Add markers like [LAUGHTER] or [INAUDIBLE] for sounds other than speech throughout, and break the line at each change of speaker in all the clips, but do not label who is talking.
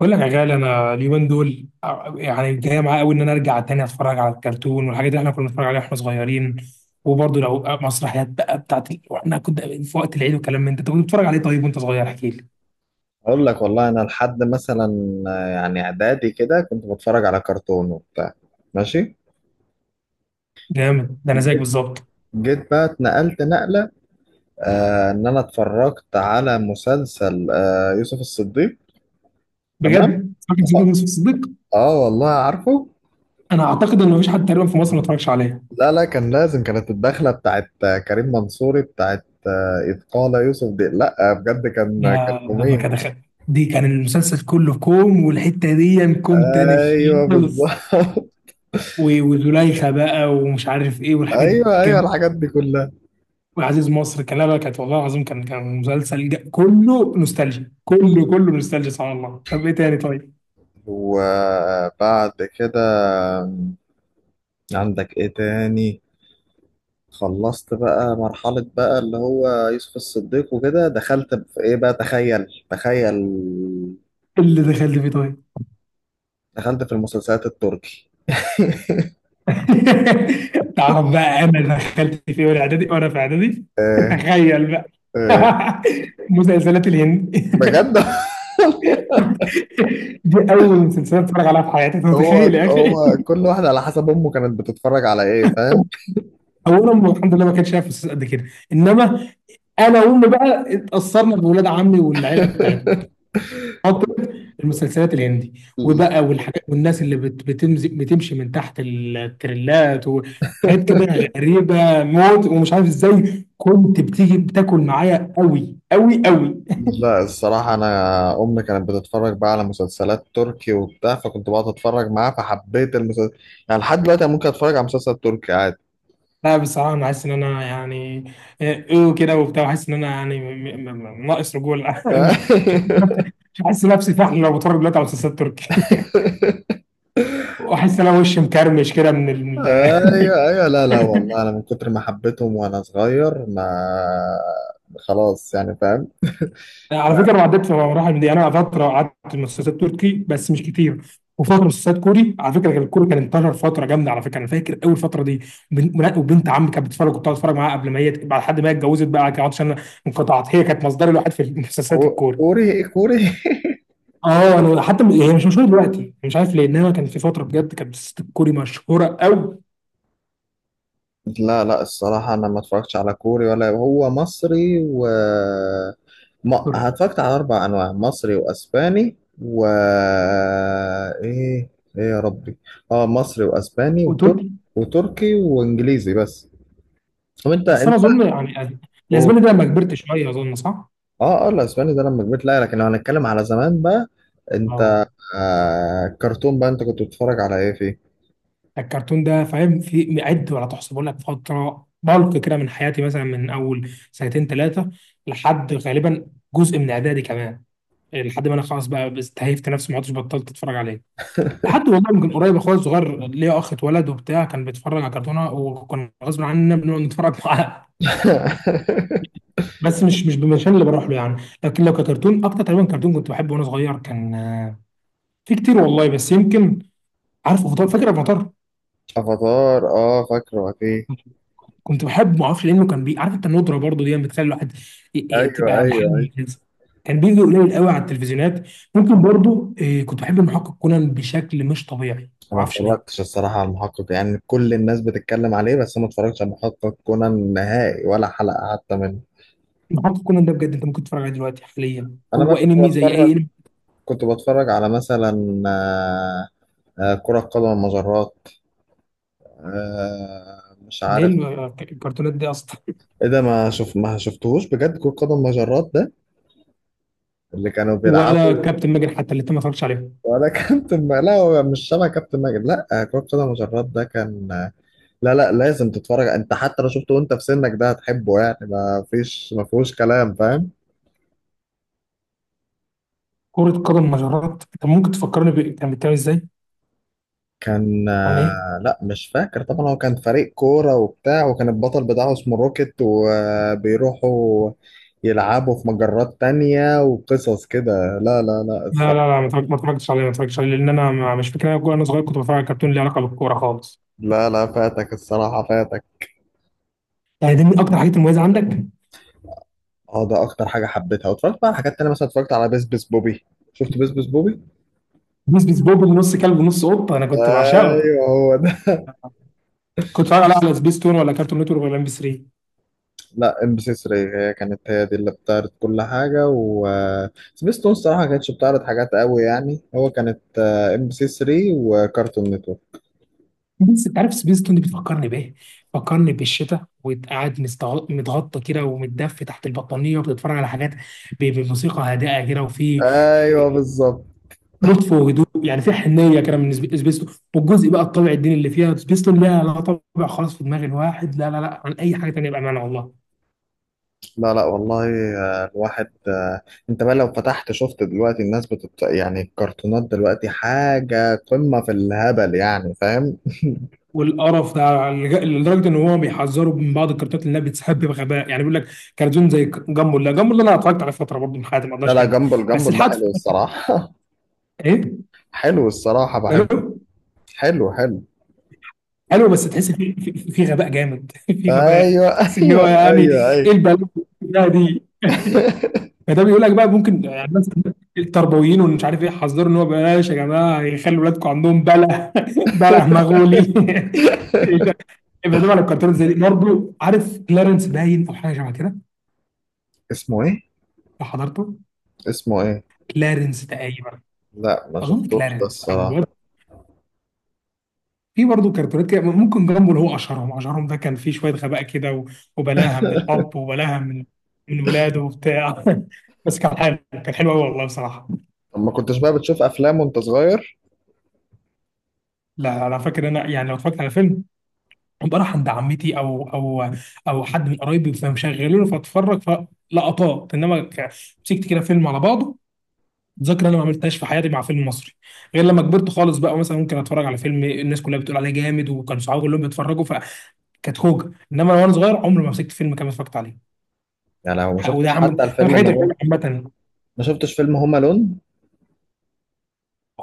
بقول لك يا غالي، انا اليومين دول جاي معايا قوي ان ارجع تاني اتفرج على الكرتون والحاجات اللي احنا كنا بنتفرج عليها واحنا صغيرين. وبرضه لو مسرحيات بقى بتاعت واحنا كنا في وقت العيد والكلام من ده، انت كنت بتتفرج عليه طيب وانت صغير؟ احكي لي.
اقول لك والله انا لحد مثلا يعني اعدادي كده كنت بتفرج على كرتون وبتاع. ماشي.
جامد ده، انا زيك
جيت
بالظبط.
جيت بقى اتنقلت نقلة. آه، ان انا اتفرجت على مسلسل يوسف الصديق. تمام.
بجد فاكر سيدنا
اه.
يوسف الصديق؟
آه والله عارفه.
انا اعتقد ان مفيش حد تقريبا في مصر ما اتفرجش عليه.
لا لا، كان لازم كانت الدخلة بتاعت كريم منصوري بتاعت إذ قال يوسف دي، لا بجد كان
ده
كان
ده ده
جميل.
كده خ- دي كان المسلسل كله كوم والحته دي كوم تاني
ايوه
خالص.
بالظبط.
وزليخه بقى ومش عارف ايه
[LAUGHS]
والحاجات دي.
ايوه ايوه، الحاجات دي كلها.
وعزيز مصر كان، لا لا، كانت والله العظيم كان مسلسل كله نوستالجيا، كله كله نوستالجيا، سبحان الله. طب ايه تاني طيب؟
وبعد كده عندك ايه تاني؟ خلصت بقى مرحلة بقى اللي هو يوسف الصديق وكده، دخلت في ايه بقى؟ تخيل.
اللي دخلت فيه طيب.
دخلت في المسلسلات التركي.
[LAUGHS] تعرف بقى انا دخلت فيه وانا اعدادي، وانا في اعدادي
[LAUGHS]
[LAUGHS]
آه.
تخيل بقى.
آه.
[LAUGHS] مسلسلات الهند.
بجد.
[LAUGHS] دي اول مسلسلات اتفرج عليها في حياتي، انت
[LAUGHS] هو
متخيل يا اخي؟
هو كل واحد على حسب امه كانت بتتفرج على ايه، فاهم.
اولا أمي الحمد لله ما كانش شايف فلوس قد كده، انما انا وامي بقى اتاثرنا بولاد عمي والعيله بتاعتهم.
[LAUGHS]
خاطر المسلسلات الهندي. وبقى والحاجات والناس اللي بتمزي بتمشي من تحت التريلات وحاجات كده، غريبه موت، ومش عارف ازاي كنت بتيجي بتاكل معايا قوي قوي قوي.
لا الصراحة أنا، أمي كانت بتتفرج بقى على مسلسلات تركي وبتاع، فكنت بقعد أتفرج معاها فحبيت المسلسل. يعني لحد دلوقتي أنا ممكن أتفرج على مسلسل تركي عادي.
لا بصراحه انا حاسس ان انا ايه كده وبتاع، حاسس ان انا م- ناقص رجوله. [LAUGHS] مش حاسس نفسي، مش حاسس نفسي فحل لو بتفرج دلوقتي على مسلسلات تركي. [LAUGHS]
[LAUGHS]
واحس ان انا وشي مكرمش كده من ال.
ايوه
[LAUGHS]
ايوه، لا لا والله انا من كتر ما حبيتهم وانا صغير، ما خلاص، يعني فاهم.
على فكره انا عديت في مراحل من دي. انا فتره قعدت في مسلسلات تركي بس مش كتير، وفتره مسلسلات كوري. على فكره كان الكوري كان انتشر فتره جامده على فكره. انا فاكر اول فتره دي، وبنت عمي كانت بتتفرج، كنت بتفرج معاها قبل ما هي بعد حد ما هي اتجوزت بقى، كانت عشان أنا انقطعت، هي كانت مصدري الوحيد في المسلسلات الكوري.
كوري كوري. [LAUGHS]
اه، انا حتى هي مش مشهوره دلوقتي، مش عارف ليه، انما كان في فتره بجد كانت مسلسلات الكوري مشهوره قوي.
لا لا الصراحة أنا ما اتفرجتش على كوري، ولا هو مصري، و ما
تركي.
اتفرجت على أربع أنواع، مصري وأسباني و إيه؟ إيه يا ربي؟ أه، مصري وأسباني وتر...
وتركي.
وتركي وإنجليزي بس. طب أنت
بس انا
أنت،
اظن يعني الاسباني ده لما كبرت شويه، اظن صح؟
اه اه الاسباني ده لما كبرت، لا لكن لو هنتكلم على زمان بقى،
اه،
انت آه، كرتون بقى انت كنت بتتفرج على ايه فيه؟
الكرتون ده فاهم في عد ولا تحصى. بقول لك فتره بلق كده من حياتي، مثلا من اول سنتين ثلاثه لحد غالبا جزء من اعدادي كمان، لحد ما انا خلاص بقى استهيفت نفسي ما عدتش، بطلت اتفرج عليه. لحد والله من قريب اخويا الصغير، ليا اخ اتولد وبتاع، كان بيتفرج على كرتونه وكان غصب عننا بنقعد نتفرج معاه. [LAUGHS]
[LAUGHS]
بس مش بالمشان اللي بروح له يعني. لكن لو ككرتون، اكتر تقريبا كرتون كنت بحبه وانا صغير كان، في كتير والله بس يمكن. عارف مطار؟ فاكر أبو مطار؟
افاتار، اه فاكره اكيد.
كنت بحبه ما اعرفش لانه كان بي. عارف انت الندره برضه دي بتخلي الواحد
ايوه
تبقى لحد
ايوه ايوه.
مميز. كان بيجي قليل قوي على التلفزيونات. ممكن برضه كنت بحب المحقق كونان بشكل مش طبيعي، ما
أنا ما
اعرفش ليه.
اتفرجتش الصراحه على المحقق، يعني كل الناس بتتكلم عليه بس أنا ما اتفرجتش على المحقق كونان نهائي ولا حلقه حتى منه.
المحقق كونان ده بجد انت ممكن تتفرج عليه دلوقتي حاليا،
انا بقى
هو
كنت
انمي زي
بتفرج
اي انمي.
كنت بتفرج على مثلا كرة قدم المجرات، مش
ده ايه
عارف
الكرتونات دي اصلا؟
ايه ده. ما شفتهوش بجد كرة قدم المجرات؟ اللي كانوا
[LAUGHS] ولا
بيلعبوا،
كابتن ماجد حتى اللي انت ما اتفرجتش عليه.
ولا كابتن م... لا هو مش شبه كابتن ماجد، لا كرة قدم مجرات ده كان، لا لا لازم تتفرج انت حتى لو شفته وانت في سنك ده هتحبه يعني، ما فيهوش كلام فاهم.
كرة قدم مجرات، انت ممكن تفكرني ب... كان بيتكلم ازاي؟
كان
عن ايه؟
لا مش فاكر طبعا، هو كان فريق كورة وبتاع، وكان البطل بتاعه اسمه روكيت وبيروحوا يلعبوا في مجرات تانية وقصص كده. لا لا لا
لا لا
الصراحة،
لا، ما اتفرجتش عليه، ما اتفرجتش عليه لان انا مش فاكر انا أنا صغير كنت بتفرج على كرتون ليه علاقه بالكوره خالص.
لا لا فاتك الصراحة فاتك.
يعني دي من اكتر الحاجات المميزه عندك؟
اه ده اكتر حاجه حبيتها، واتفرجت بقى على حاجات تانية، مثلا اتفرجت على بس بس بوبي. شفت بس بس بوبي؟
سبيس بوب اللي نص كلب ونص قطه، انا كنت بعشقه.
ايوه هو ده. [LAUGHS]
كنت بتفرج عليها على سبيس تون ولا كارتون نتورك ولا ام بي 3؟
لا ام بي سي 3، هي كانت هي دي اللي بتعرض كل حاجه، و سبيستون الصراحه ما كانتش بتعرض حاجات قوي يعني، هو كانت ام بي سي 3 وكارتون نتورك.
بس انت عارف سبيس تون دي بتفكرني بايه؟ بتفكرني بالشتاء وقاعد متغطى كده ومتدفي تحت البطانيه وبتتفرج على حاجات بموسيقى هادئه كده، وفي
ايوه بالظبط.
لطف وهدوء، يعني في حنيه كده من سبيس تون. والجزء بقى الطابع الديني اللي فيها سبيس تون، لا لا طابع خالص في دماغ الواحد، لا لا لا عن اي حاجه تانيه، بامانه والله.
لا لا والله. آه، الواحد آه، انت بقى لو فتحت شفت دلوقتي الناس بتت... يعني الكرتونات دلوقتي حاجه قمه في الهبل، يعني فاهم.
والقرف ده على- لدرجه ان هو بيحذروا من بعض الكرتونات لانها بتسحب بغباء، يعني بيقول لك كرتون زي جامبو. لا، جامبو ده انا اتفرجت على فتره برضه من حياتي، ما
لا
اقدرش
لا،
انكر.
جامبل
بس
ده
لحد
حلو
فترة-
الصراحه. [LAUGHS]
ايه
حلو الصراحة
ماله؟
بحبه، حلو.
حلو، بس تحس في غباء جامد. [LAUGHS] في غباء،
ايوه. [LAUGHS]
تحس ان
ايوه
هو يعني
ايوه
ايه
ايوه.
البلاوي ده دي.
[LAUGHS]
فده بيقول لك بقى ممكن يعني مثلا التربويين ومش عارف ايه حذروا ان هو بلاش يا جماعه يخلوا ولادكم عندهم بلع. بلع [LAUGHS] مغولي. [LAUGHS] يبقى ده على الكرتون زي دي برضه، عارف كلارنس؟ باين او حاجه شبه كده.
اسمه ايه؟
حضرته
اسمه ايه؟
كلارنس تقريبا.
لا ما
اظن
شفتوش ده
كلارنس او ور-.
الصراحة.
في برضه كرتونات كده ممكن جامبو اللي هو اشهرهم، اشهرهم ده كان فيه شويه غباء كده، وبلاها من الاب وبلاها من ولاده وبتاع. [LAUGHS] بس كان حلو، كان حلو قوي والله بصراحه.
طب ما كنتش بقى بتشوف افلام وانت صغير؟
لا انا فاكر انا يعني لو اتفرجت على فيلم، بروح عند عمتي او حد من قرايبي فمشغلونه فاتفرج فلقطات، انما مسكت كده فيلم على بعضه، ذاكره انا ما عملتهاش في حياتي مع فيلم مصري، غير لما كبرت خالص بقى مثلا ممكن اتفرج على فيلم الناس كلها بتقول عليه جامد وكان صحابي كلهم بيتفرجوا فكانت خوجه. انما انا وانا صغير عمري ما مسكت فيلم كامل اتفرجت عليه.
يعني لو ما
وده
شفتش حتى
ده من
الفيلم
الحاجات
اللي هو،
اللي عامه.
ما شفتش فيلم هوم الون؟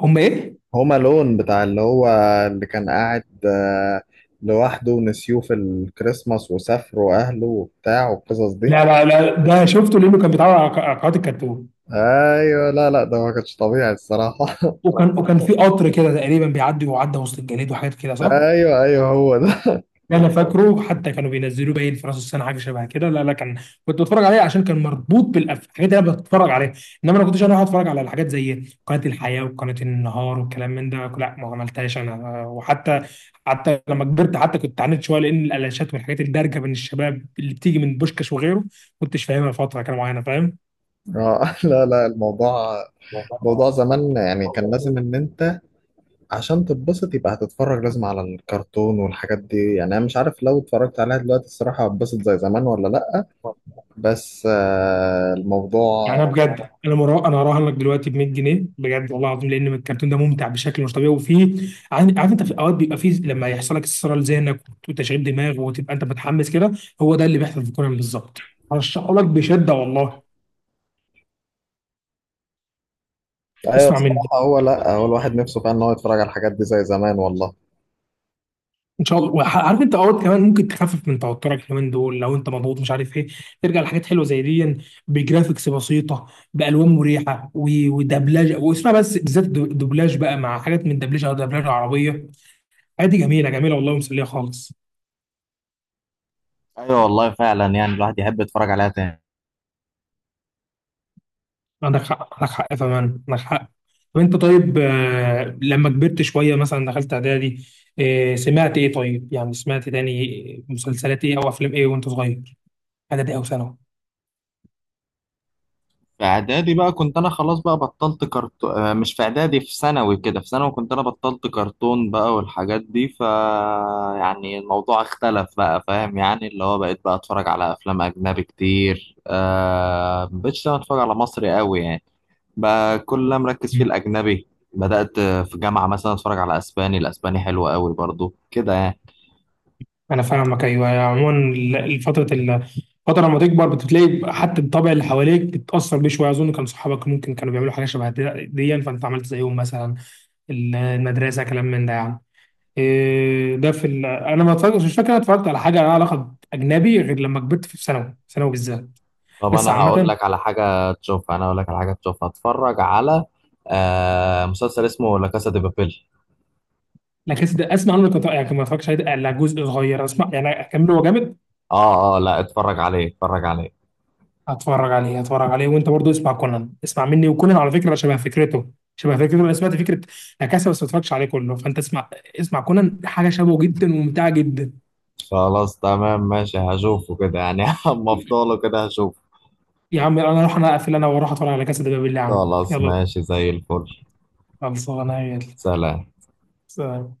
هم ايه؟
هوم الون بتاع اللي هو اللي كان قاعد لوحده ونسيوه في الكريسماس وسافروا اهله وبتاع والقصص دي.
لا لا لا، ده شفته لانه كان بيتعرض على على قناه الكرتون.
ايوه لا لا ده ما كانش طبيعي الصراحة. [LAUGHS]
وكان في قطر كده تقريبا بيعدي وعدى وسط الجليد وحاجات كده صح؟
ايوه ايوه هو ده.
ده انا فاكره، حتى كانوا بينزلوه باين في راس السنه حاجه شبه كده. لا لا كان، كنت بتفرج عليه عشان كان مربوط بالحاجات اللي انا بتفرج عليها. انما انا ما كنتش انا اقعد اتفرج على الحاجات زي قناه الحياه وقناه النهار والكلام من ده، لا ما عملتهاش انا. وحتى حتى لما كبرت حتى كنت عانيت شويه لان الالاشات والحاجات الدارجه بين الشباب اللي بتيجي من بوشكاش وغيره ما كنتش فاهمها فتره كده معينه، فاهم؟
لا لا الموضوع، موضوع زمان يعني كان لازم ان انت عشان تتبسط يبقى هتتفرج لازم على الكرتون والحاجات دي، يعني انا مش عارف لو اتفرجت عليها دلوقتي الصراحة هتبسط زي زمان ولا لأ. بس آه،
يعني
الموضوع
انا بجد انا مرا... انا هراهنك دلوقتي ب 100 جنيه بجد والله العظيم لان الكرتون ده ممتع بشكل مش طبيعي، وفيه عارف انت، في اوقات بيبقى فيه لما يحصل لك استثارة لذهنك وتشغيل دماغ وتبقى انت متحمس كده، هو ده اللي بيحصل في كونان بالظبط. هرشحه لك بشده والله.
ايوه
اسمع مني،
الصراحة، هو لأ، هو الواحد نفسه فعلا ان هو يتفرج على الحاجات دي زي زمان والله.
ان شاء الله. عارف انت اوقات كمان ممكن تخفف من توترك اليومين دول لو انت مضغوط مش عارف ايه، ترجع لحاجات حلوه زي دي، بجرافيكس بسيطه، بالوان مريحه، ودبلجه. واسمع بس بالذات الدبلاج بقى مع حاجات من دبلجه، او دبلجه عربيه عادي، جميلة جميلة والله، ومسلية خالص.
ايوه والله فعلا، يعني الواحد يحب يتفرج عليها.
عندك حق، عندك حق فمان، عندك حق. طب انت طيب، لما كبرت شوية مثلا دخلت اعدادي، سمعت ايه طيب؟ يعني سمعت تاني مسلسلات ايه او افلام ايه وانت صغير، اعدادي او ثانوي؟
في اعدادي بقى كنت انا خلاص بقى بطلت كرتون، مش في اعدادي، في ثانوي كده، في ثانوي كنت انا بطلت كرتون بقى والحاجات دي. ف يعني الموضوع اختلف بقى فاهم، يعني اللي هو بقيت بقى اتفرج على افلام اجنبي كتير، آه مبقتش انا اتفرج على مصري قوي يعني، بقى كل اللي أنا مركز فيه
مم.
الاجنبي. بدأت في جامعة مثلا اتفرج على اسباني، الاسباني حلو قوي برضو كده يعني.
انا فاهمك ايوه. يعني عموما الفترة لما تكبر بتلاقي حتى الطبع اللي حواليك بتتأثر بيه شوية. أظن كان صحابك ممكن كانوا بيعملوا حاجة شبه دي دياً، فأنت عملت زيهم مثلا، المدرسة، كلام من ده يعني. إيه ده في ال... انا ما اتفرجتش، مش فاكر انا اتفرجت على حاجه لها علاقه اجنبي غير لما كبرت في ثانوي، ثانوي بالذات.
طب
بس عامه،
انا هقول لك على حاجة تشوفها، اتفرج على آه مسلسل اسمه لا كاسا دي بابيل.
لا كاسا ده اسمع عنه لكن- يعني ما اتفرجتش عليه الا جزء صغير. اسمع يعني، اكمله؟ هو جامد؟
اه اه لا اتفرج عليه اتفرج عليه.
هتفرج عليه، هتفرج عليه. وانت برضو اسمع كونان، اسمع مني. وكونان على فكره شبه فكرته، شبه فكرته انا سمعت فكره لا كاسا، بس ما اتفرجتش عليه كله. فانت اسمع، اسمع كونان، حاجه شبهه جدا وممتعه جدا.
خلاص تمام ماشي، هشوفه كده يعني. [LAUGHS] اما افضله كده هشوفه.
يا عم انا اروح، انا اقفل انا واروح اتفرج على كاسا ده بالله، يا عم
خلاص
يلا.
ماشي زي الفل.
خلصانه يلا.
سلام.
سلام.